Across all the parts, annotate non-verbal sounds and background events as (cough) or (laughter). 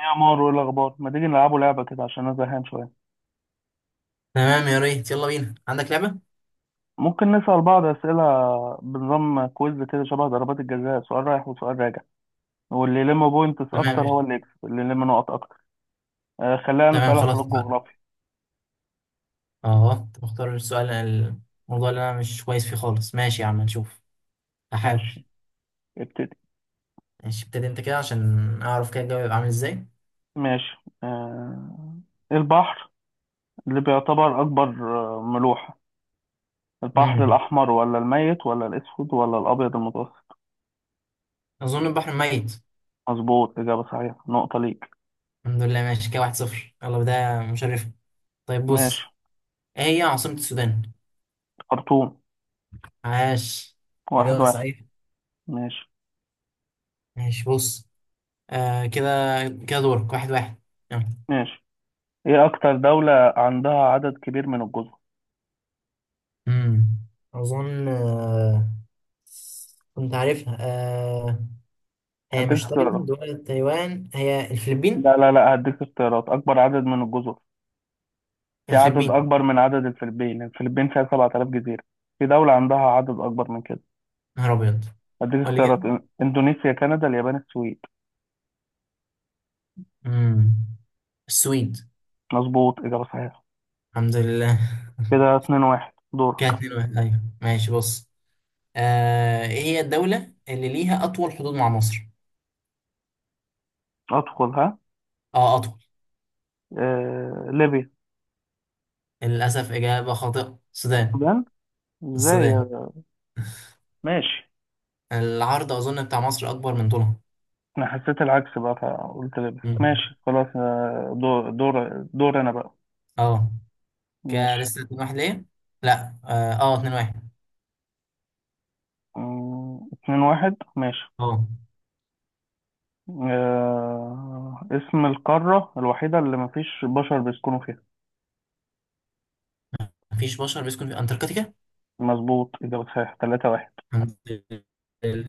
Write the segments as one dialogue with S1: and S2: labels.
S1: إيه يا مار، وايه الاخبار؟ ما تيجي نلعبوا لعبه كده عشان انا زهقان شويه.
S2: تمام، يا ريت. يلا بينا. عندك لعبة؟
S1: ممكن نسال بعض اسئله بنظام كويز كده، شبه ضربات الجزاء، سؤال رايح وسؤال راجع. واللي يلم بوينتس اكتر
S2: تمام يا-
S1: هو اللي يكسب، اللي يلم نقط اكتر. خلينا
S2: تمام
S1: نسالها في
S2: خلاص بقى.
S1: الجغرافيا.
S2: اه طب اختار السؤال. الموضوع اللي انا مش كويس فيه خالص. ماشي يا عم، نشوف. هحاول.
S1: ماشي، ابتدي.
S2: ماشي، ابتدي انت كده عشان اعرف كده الجو يبقى عامل ازاي.
S1: ماشي. آه البحر اللي بيعتبر اكبر ملوحه، البحر
S2: امم
S1: الاحمر ولا الميت ولا الاسود ولا الابيض المتوسط؟
S2: اظن البحر ميت.
S1: مظبوط، اجابه صحيحه، نقطه ليك.
S2: الحمد لله ماشي كده، واحد صفر. يلا، بداية مشرفة. طيب بص،
S1: ماشي.
S2: ايه هي عاصمة السودان؟
S1: خرطوم.
S2: عاش،
S1: واحد
S2: إجابة
S1: واحد
S2: صحيحة.
S1: ماشي.
S2: ماشي بص. كده، كده دورك. واحد واحد. يلا.
S1: ماشي. ايه اكتر دولة عندها عدد كبير من الجزر؟
S2: امم اظن كنت عارفها. هي
S1: هديك
S2: مش
S1: اختيارات.
S2: تايلاند ولا تايوان، هي الفلبين.
S1: لا لا لا، هديك اختيارات، اكبر عدد من الجزر. في عدد
S2: الفلبين.
S1: اكبر من عدد الفلبين. الفلبين فيها 7000 جزيرة. في دولة عندها عدد اكبر من كده.
S2: نهار ابيض.
S1: هديك
S2: ولا كده.
S1: اختيارات: اندونيسيا، كندا، اليابان، السويد.
S2: امم السويد.
S1: مظبوط، اجابة صحيحة.
S2: الحمد لله. (laughs)
S1: كده 2-1. دورك.
S2: كده اتنين واحد، ايوه ماشي بص. ايه هي الدولة اللي ليها اطول حدود مع مصر؟
S1: ادخل ها.
S2: اه اطول.
S1: ليبيا.
S2: للاسف اجابة خاطئة، السودان.
S1: السودان. ازاي
S2: السودان.
S1: ماشي.
S2: العرض اظن بتاع مصر اكبر من طولها.
S1: انا حسيت العكس بقى فقلت ليبيا،
S2: مم.
S1: ماشي خلاص. دور دور دور انا بقى.
S2: اه، كده
S1: ماشي.
S2: لسه اتنين واحد ليه. لا اه، اتنين واحد.
S1: 2-1 ماشي.
S2: اه.
S1: اسم القارة الوحيدة اللي مفيش بشر بيسكنوا فيها؟
S2: مفيش بشر بيسكن في انتاركتيكا.
S1: مظبوط، إجابة صحيحة. 3-1.
S2: الحمد لله،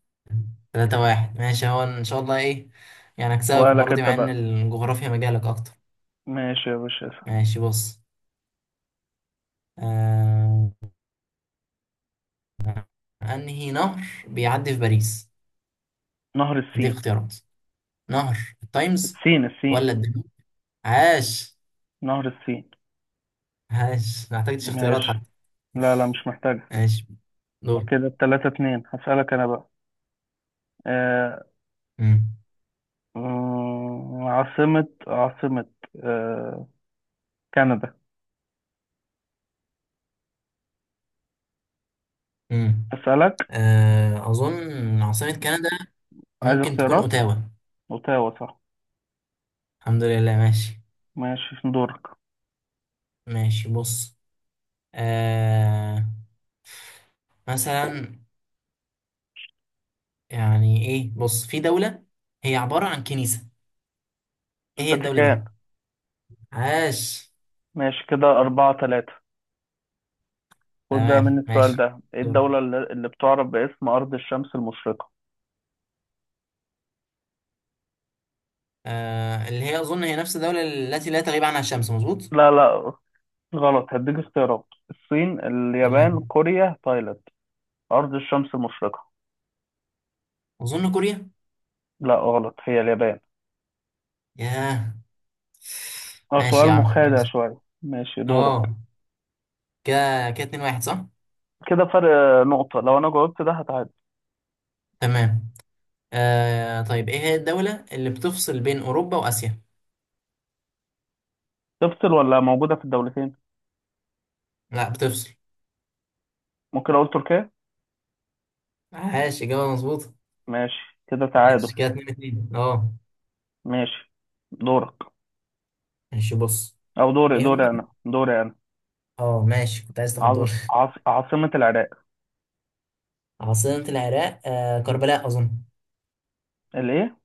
S2: تلاتة واحد ماشي، هو إن شاء الله إيه، يعني هكسبك
S1: سؤالك
S2: المرة دي
S1: أنت
S2: مع إن
S1: بقى.
S2: الجغرافيا مجالك أكتر.
S1: ماشي يا باشا، اسأل.
S2: ماشي بص. آه... أنهي نهر بيعدي في باريس؟
S1: نهر
S2: أديك
S1: السين.
S2: اختيارات، نهر التايمز
S1: السين.
S2: ولا الدانوب. عاش.
S1: نهر السين.
S2: عاش، ما احتاجتش اختيارات
S1: ماشي.
S2: حتى.
S1: لا لا، مش محتاجة.
S2: ماشي دور.
S1: كده التلاتة اتنين، هسألك أنا بقى. آه...
S2: مم.
S1: عاصمة آه... كندا
S2: مم.
S1: هسألك.
S2: أظن عاصمة كندا
S1: عايز
S2: ممكن تكون
S1: اختيارات.
S2: أوتاوا.
S1: أوتاوا صح.
S2: الحمد لله ماشي.
S1: ماشي، دورك.
S2: ماشي بص. آه... مثلا، يعني ايه، بص، في دولة هي عبارة عن كنيسة، ايه هي الدولة دي؟
S1: الفاتيكان.
S2: عاش.
S1: ماشي كده، 4-3. خد بقى مني
S2: تمام
S1: السؤال
S2: ماشي
S1: ده: ايه
S2: دور.
S1: الدولة اللي بتعرف باسم أرض الشمس المشرقة؟
S2: اللي هي اظن هي نفس الدولة التي لا تغيب عنها الشمس، مظبوط.
S1: لا لا، غلط. هديك اختيارات: الصين، اليابان،
S2: تمام.
S1: كوريا، تايلاند. أرض الشمس المشرقة.
S2: اظن كوريا.
S1: لا، غلط، هي اليابان.
S2: ياه.
S1: اه،
S2: ماشي
S1: سؤال
S2: يا عم
S1: مخادع
S2: ماشي.
S1: شوية. ماشي، دورك.
S2: اه كده كده اتنين واحد صح.
S1: كده فرق نقطة. لو أنا جاوبت ده هتعادل.
S2: تمام. طيب، ايه هي الدولة اللي بتفصل بين اوروبا واسيا؟
S1: تفصل ولا موجودة في الدولتين؟
S2: لا، بتفصل.
S1: ممكن أقول تركيا.
S2: عاش، اجابة مظبوطة.
S1: ماشي كده تعادل.
S2: ماشي كده اتنين اتنين اه.
S1: ماشي، دورك.
S2: ماشي بص،
S1: أو دوري
S2: ايه هو؟
S1: دوري، أنا دوري أنا.
S2: اه ماشي، كنت عايز تاخد دور.
S1: عاصمة العراق؟
S2: عاصمة العراق كربلاء أظن.
S1: الإيه؟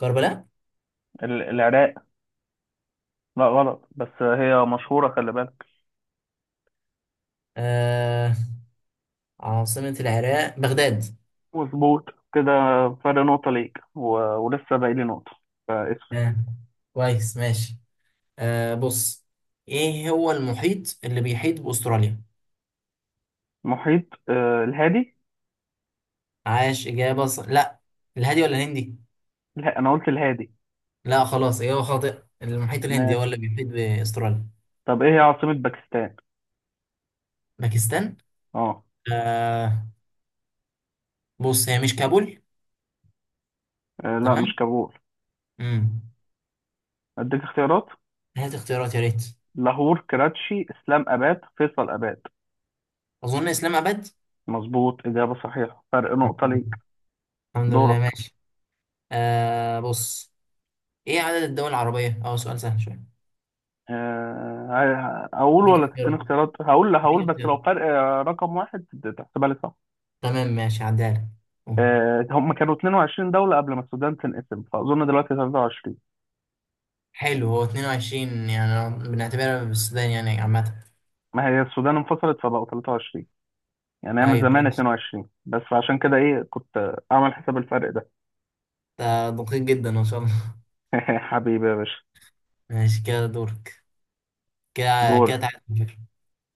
S2: كربلاء.
S1: العراق. لا غلط، بس هي مشهورة، خلي بالك.
S2: آه عاصمة العراق بغداد.
S1: مظبوط. كده فرق نقطة ليك ولسه باقي لي نقطة. فاسم.
S2: آه. كويس ماشي. بص، إيه هو المحيط اللي بيحيط بأستراليا؟
S1: محيط الهادي.
S2: عاش، لا، الهادي ولا الهندي؟
S1: لا، أنا قلت الهادي.
S2: لا خلاص، إجابة خاطئة. المحيط الهندي هو
S1: ماشي.
S2: اللي بيحيط بأستراليا.
S1: طب إيه هي عاصمة باكستان؟
S2: باكستان.
S1: آه.
S2: آه بص، هي مش كابول.
S1: لا، مش
S2: تمام.
S1: كابول.
S2: امم
S1: أديك اختيارات:
S2: هات اختيارات يا ريت.
S1: لاهور، كراتشي، إسلام أباد، فيصل أباد.
S2: أظن إسلام أبد.
S1: مظبوط، إجابة صحيحة، فرق
S2: الحمد
S1: نقطة
S2: لله.
S1: ليك.
S2: الحمد لله،
S1: دورك.
S2: ماشي. بص، ايه عدد الدول العربية؟ اه سؤال سهل شوية.
S1: هقول
S2: اديك
S1: ولا تديني
S2: اختيارات،
S1: اختيارات؟ هقول لا، هقول
S2: اديك
S1: بس
S2: اختيارات.
S1: لو فرق رقم واحد. تحسبها لي.
S2: تمام ماشي، هعديها لك. قول.
S1: هم كانوا 22 دولة قبل ما السودان تنقسم، فأظن دلوقتي 23.
S2: حلو، هو 22 يعني، بنعتبرها بالسودان يعني عامة.
S1: ما هي السودان انفصلت فبقوا 23. يعني هي من
S2: ايوه
S1: زمان
S2: ماشي،
S1: 22، بس عشان كده إيه كنت أعمل حساب الفرق ده.
S2: ده دقيق جدا ما شاء الله.
S1: (laughs) حبيبي يا باشا.
S2: ماشي كده دورك. كده. كده
S1: دور.
S2: تعالى على فكرة.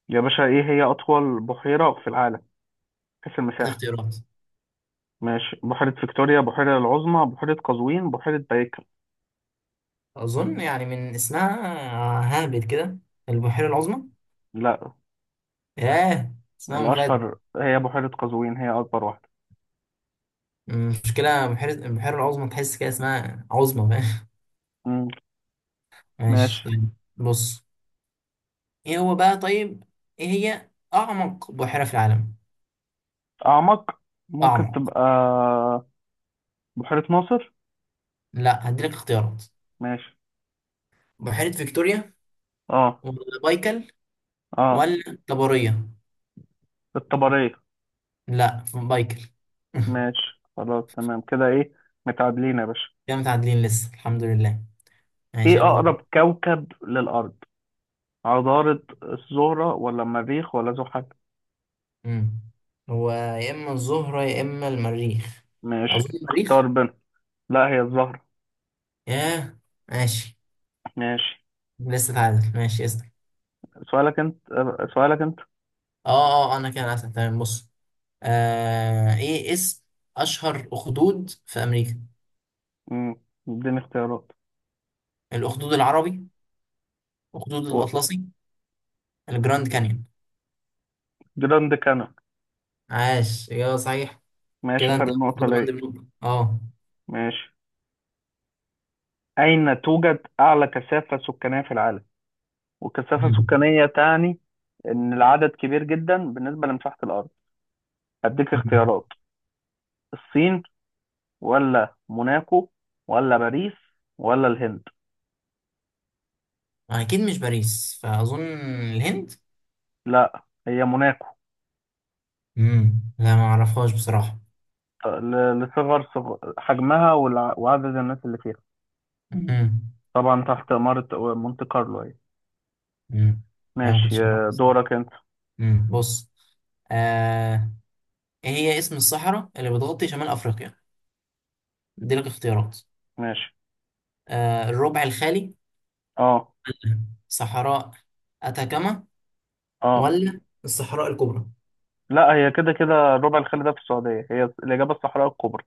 S1: يا باشا، إيه هي أطول بحيرة في العالم، حيث
S2: هات
S1: المساحة؟
S2: اختيارات.
S1: ماشي: بحيرة فيكتوريا، بحيرة العظمى، بحيرة قزوين، بحيرة بايكل.
S2: اظن يعني من اسمها، هابت كده البحيرة العظمى.
S1: لا.
S2: ياه، اسمها مخادع.
S1: الأشهر هي بحيرة قزوين، هي أكبر واحدة.
S2: المشكلة البحيرة العظمى، تحس كده اسمها عظمى، فاهم.
S1: مم.
S2: (laughs) ماشي
S1: ماشي.
S2: طيب. بص، ايه هو بقى؟ طيب، ايه هي اعمق بحيرة في العالم؟
S1: أعمق. ممكن
S2: اعمق.
S1: تبقى بحيرة ناصر.
S2: لا، هديلك اختيارات.
S1: ماشي.
S2: بحيرة فيكتوريا
S1: اه.
S2: ولا بايكل
S1: اه.
S2: ولا طبرية.
S1: الطبرية.
S2: لا، بايكل. (laughs)
S1: ماشي، خلاص تمام كده، ايه، متعادلين يا باشا.
S2: كده متعادلين لسه، الحمد لله.
S1: ايه
S2: ماشي يلا دور.
S1: اقرب كوكب للارض، عطارد، الزهرة، ولا المريخ، ولا زحل؟
S2: مم. هو يا اما الزهرة يا اما المريخ.
S1: ماشي،
S2: اظن
S1: اختار
S2: المريخ.
S1: بين. لا، هي الزهرة.
S2: ياه، ماشي.
S1: ماشي.
S2: لسه تعادل، ماشي اسال.
S1: سؤالك انت.
S2: اه اه، انا كده اسال، تمام بص. ايه اسم اشهر اخدود في امريكا؟
S1: امم اديني اختيارات.
S2: الاخدود العربي، أخدود
S1: و-
S2: الأطلسي، الجراند كانيون.
S1: جراند كانون.
S2: عاش يا صحيح.
S1: ماشي،
S2: كده أنت
S1: فرق نقطة
S2: خد من
S1: ليا.
S2: بنقطة. أه.
S1: ماشي. اين توجد اعلى كثافة سكانية في العالم؟ والكثافة
S2: مم.
S1: السكانية تعني ان العدد كبير جدا بالنسبة لمساحة الارض. هديك
S2: مم.
S1: اختيارات: الصين، ولا موناكو، ولا باريس، ولا الهند.
S2: أكيد مش باريس، فأظن الهند.
S1: لا، هي موناكو.
S2: مم. لا، ما أعرفهاش بصراحة.
S1: لصغر حجمها، وعدد الناس اللي فيها.
S2: مم.
S1: طبعا تحت إمارة مونte كارلو أهي.
S2: مم. أنا ما
S1: ماشي.
S2: كنتش أعرف بس.
S1: دورك أنت.
S2: مم. بص. آه. إيه هي اسم الصحراء اللي بتغطي شمال أفريقيا؟ أديلك اختيارات.
S1: ماشي.
S2: الربع الخالي،
S1: اه،
S2: ولا صحراء أتاكاما،
S1: اه،
S2: ولا الصحراء الكبرى.
S1: لا، هي كده كده، الربع الخالي ده في السعودية، هي الإجابة: الصحراء الكبرى.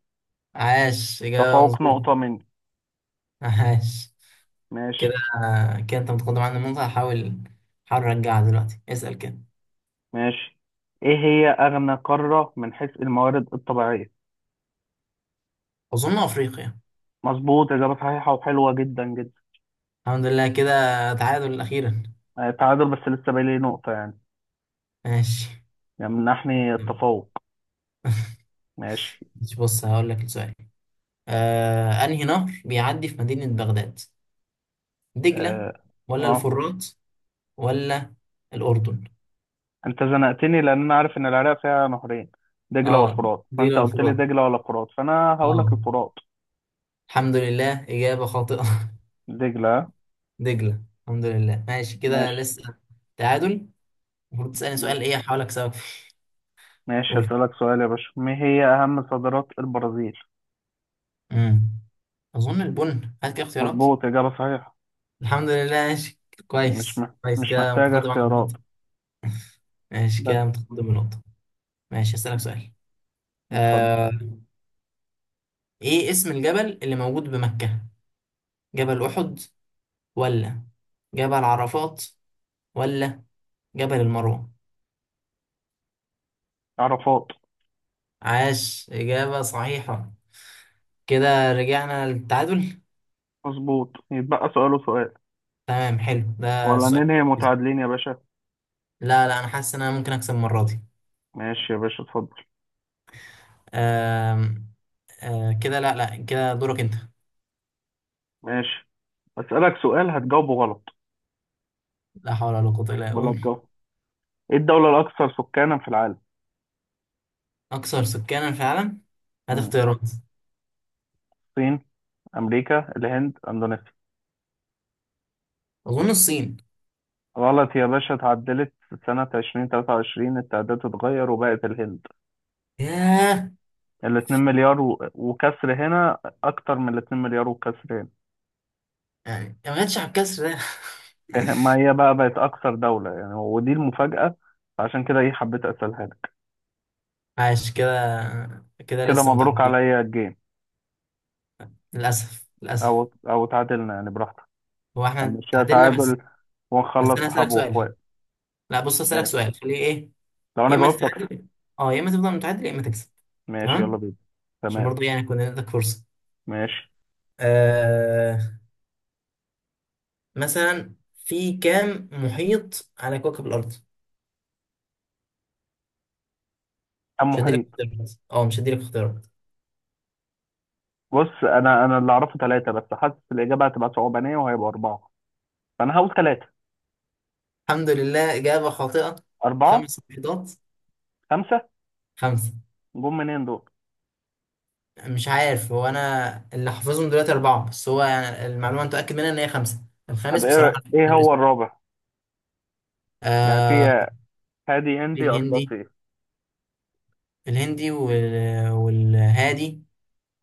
S2: عاش، إجابة
S1: تفوق
S2: مظبوطة.
S1: نقطة مني.
S2: عاش. كده،
S1: ماشي.
S2: كده انت متقدم عن النقطة. هحاول ارجعها دلوقتي. اسأل كده.
S1: ماشي. إيه هي أغنى قارة من حيث الموارد الطبيعية؟
S2: اظن افريقيا.
S1: مظبوط، إجابة صحيحة، وحلوة جدا جدا.
S2: الحمد لله، كده تعادل اخيرا.
S1: تعادل، بس لسه باقي لي نقطة يعني،
S2: ماشي.
S1: يمنحني التفوق. ماشي.
S2: ماشي، بص هقول لك السؤال. انهي نهر بيعدي في مدينة بغداد؟ دجلة
S1: اه,
S2: ولا
S1: آه.
S2: الفرات ولا الاردن.
S1: انت زنقتني، لان انا عارف ان العراق فيها نهرين، دجلة
S2: اه،
S1: والفرات. فانت
S2: دجلة
S1: قلت لي
S2: والفرات.
S1: دجلة ولا فرات، فانا هقول لك
S2: اه.
S1: الفرات.
S2: الحمد لله، اجابة خاطئة.
S1: دجلة.
S2: (laughs) دجلة. الحمد لله ماشي، كده
S1: ماشي.
S2: لسه تعادل. المفروض تسألني سؤال ايه هحاول اكسبك فيه.
S1: ماشي.
S2: قول.
S1: اسألك سؤال يا باشا: ما هي اهم صادرات البرازيل؟
S2: امم اظن البن. هات كده اختيارات.
S1: مظبوط، اجابة صحيحة.
S2: الحمد لله ماشي. كويس كويس،
S1: مش
S2: كده
S1: محتاجة
S2: متقدم عن
S1: اختيارات.
S2: النقطة. ماشي
S1: بس.
S2: كده متقدم بنقطة. ماشي هسألك سؤال.
S1: اتفضل.
S2: آه ايه اسم الجبل اللي موجود بمكة؟ جبل أحد، ولا جبل عرفات، ولا جبل المروة.
S1: عرفات.
S2: عاش، إجابة صحيحة. كده رجعنا للتعادل.
S1: مظبوط، يتبقى سؤال وسؤال.
S2: تمام حلو، ده
S1: ولا
S2: السؤال
S1: ننهي
S2: التركيزي.
S1: متعادلين يا باشا؟
S2: لا لا، أنا حاسس إن أنا ممكن أكسب المرة دي.
S1: ماشي يا باشا، اتفضل.
S2: آم، آه كده لا لا، كده دورك أنت.
S1: ماشي، أسألك سؤال هتجاوبه غلط.
S2: لا حول ولا قوة إلا
S1: بقول لك
S2: بالله.
S1: جو، ايه الدولة الأكثر سكانا في العالم؟
S2: أكثر سكانا في العالم. هات
S1: مم.
S2: اختيارات.
S1: الصين، أمريكا، الهند، أندونيسيا.
S2: أظن الصين.
S1: غلط يا باشا، اتعدلت. سنة 2023 التعداد اتغير وبقت الهند.
S2: ياه.
S1: الاتنين مليار وكسر هنا، أكتر من الاتنين مليار وكسر هنا.
S2: يعني ما جاتش على الكسر ده.
S1: إيه، ما هي بقى بقت أكثر دولة يعني، ودي المفاجأة. عشان كده إيه حبيت أسألها لك.
S2: (laughs) عاش كده، كده
S1: كده
S2: لسه
S1: مبروك
S2: متعادلين.
S1: عليا الجيم.
S2: للأسف للأسف.
S1: أو تعادلنا يعني، براحتك.
S2: هو احنا
S1: هنمشيها
S2: تعادلنا بس.
S1: تعادل،
S2: بس
S1: ونخلص
S2: أنا هسألك
S1: صحاب
S2: سؤال.
S1: وإخوات.
S2: لا بص، هسألك
S1: ماشي،
S2: سؤال خليه إيه.
S1: لو
S2: يا
S1: أنا
S2: إما
S1: جاوبت أكسب.
S2: تتعادل، أه، يا إما تفضل متعادل، يا إما تكسب.
S1: ماشي يلا
S2: تمام.
S1: بينا.
S2: عشان
S1: تمام.
S2: برضه يعني يكون عندك فرصة.
S1: ماشي.
S2: آه، مثلا، في كام محيط على كوكب الأرض؟
S1: كم محيط؟
S2: مش هديلك اختيارات.
S1: بص، انا اللي اعرفه ثلاثة، بس حاسس الاجابة هتبقى صعبانية وهيبقى أربعة، فانا هقول ثلاثة.
S2: الحمد لله، إجابة خاطئة.
S1: أربعة.
S2: خمس بيضات.
S1: خمسة.
S2: خمسة.
S1: جم منين دول؟
S2: مش عارف، هو أنا اللي حافظهم دلوقتي أربعة، بس هو يعني المعلومة أنا متأكد منها إن هي خمسة.
S1: طب
S2: الخامس بصراحة
S1: ايه
S2: أنا مش
S1: ايه
S2: فاكر
S1: هو
S2: اسمه.
S1: الرابع؟ يعني في
S2: آه
S1: هادي،
S2: في
S1: هندي،
S2: الهندي.
S1: اطلسي.
S2: الهندي والهادي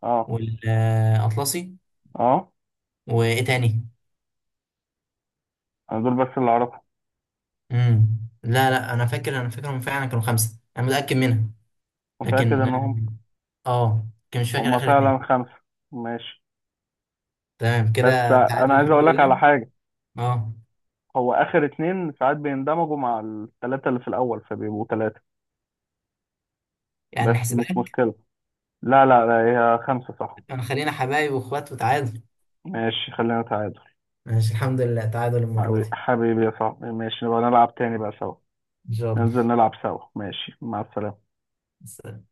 S1: اه.
S2: والأطلسي.
S1: اه.
S2: وإيه تاني؟
S1: انا دول بس اللي اعرفهم.
S2: مم. لا لا، أنا فاكرهم، فعلا كانوا خمسة، أنا متأكد منها.
S1: متأكد
S2: لكن
S1: انهم
S2: كان مش فاكر
S1: هم
S2: آخر
S1: فعلا
S2: اتنين.
S1: خمسة. ماشي.
S2: تمام
S1: بس
S2: كده تعادل
S1: انا عايز
S2: الحمد
S1: اقول لك على
S2: لله.
S1: حاجة.
S2: آه،
S1: هو اخر اتنين ساعات بيندمجوا مع الثلاثة اللي في الاول فبيبقوا ثلاثة،
S2: يعني
S1: بس مش
S2: نحسبها لك.
S1: مشكلة. لا لا لا، هي خمسة صح.
S2: أنا خلينا حبايب وإخوات وتعادل.
S1: ماشي، خلينا تعادل.
S2: ماشي الحمد لله تعادل المرة
S1: حبيبي
S2: دي.
S1: حبيبي يا صاحبي، ماشي نبقى نلعب تاني بقى سوا.
S2: ان شاء
S1: ننزل نلعب سوا. ماشي، مع السلامة.
S2: الله.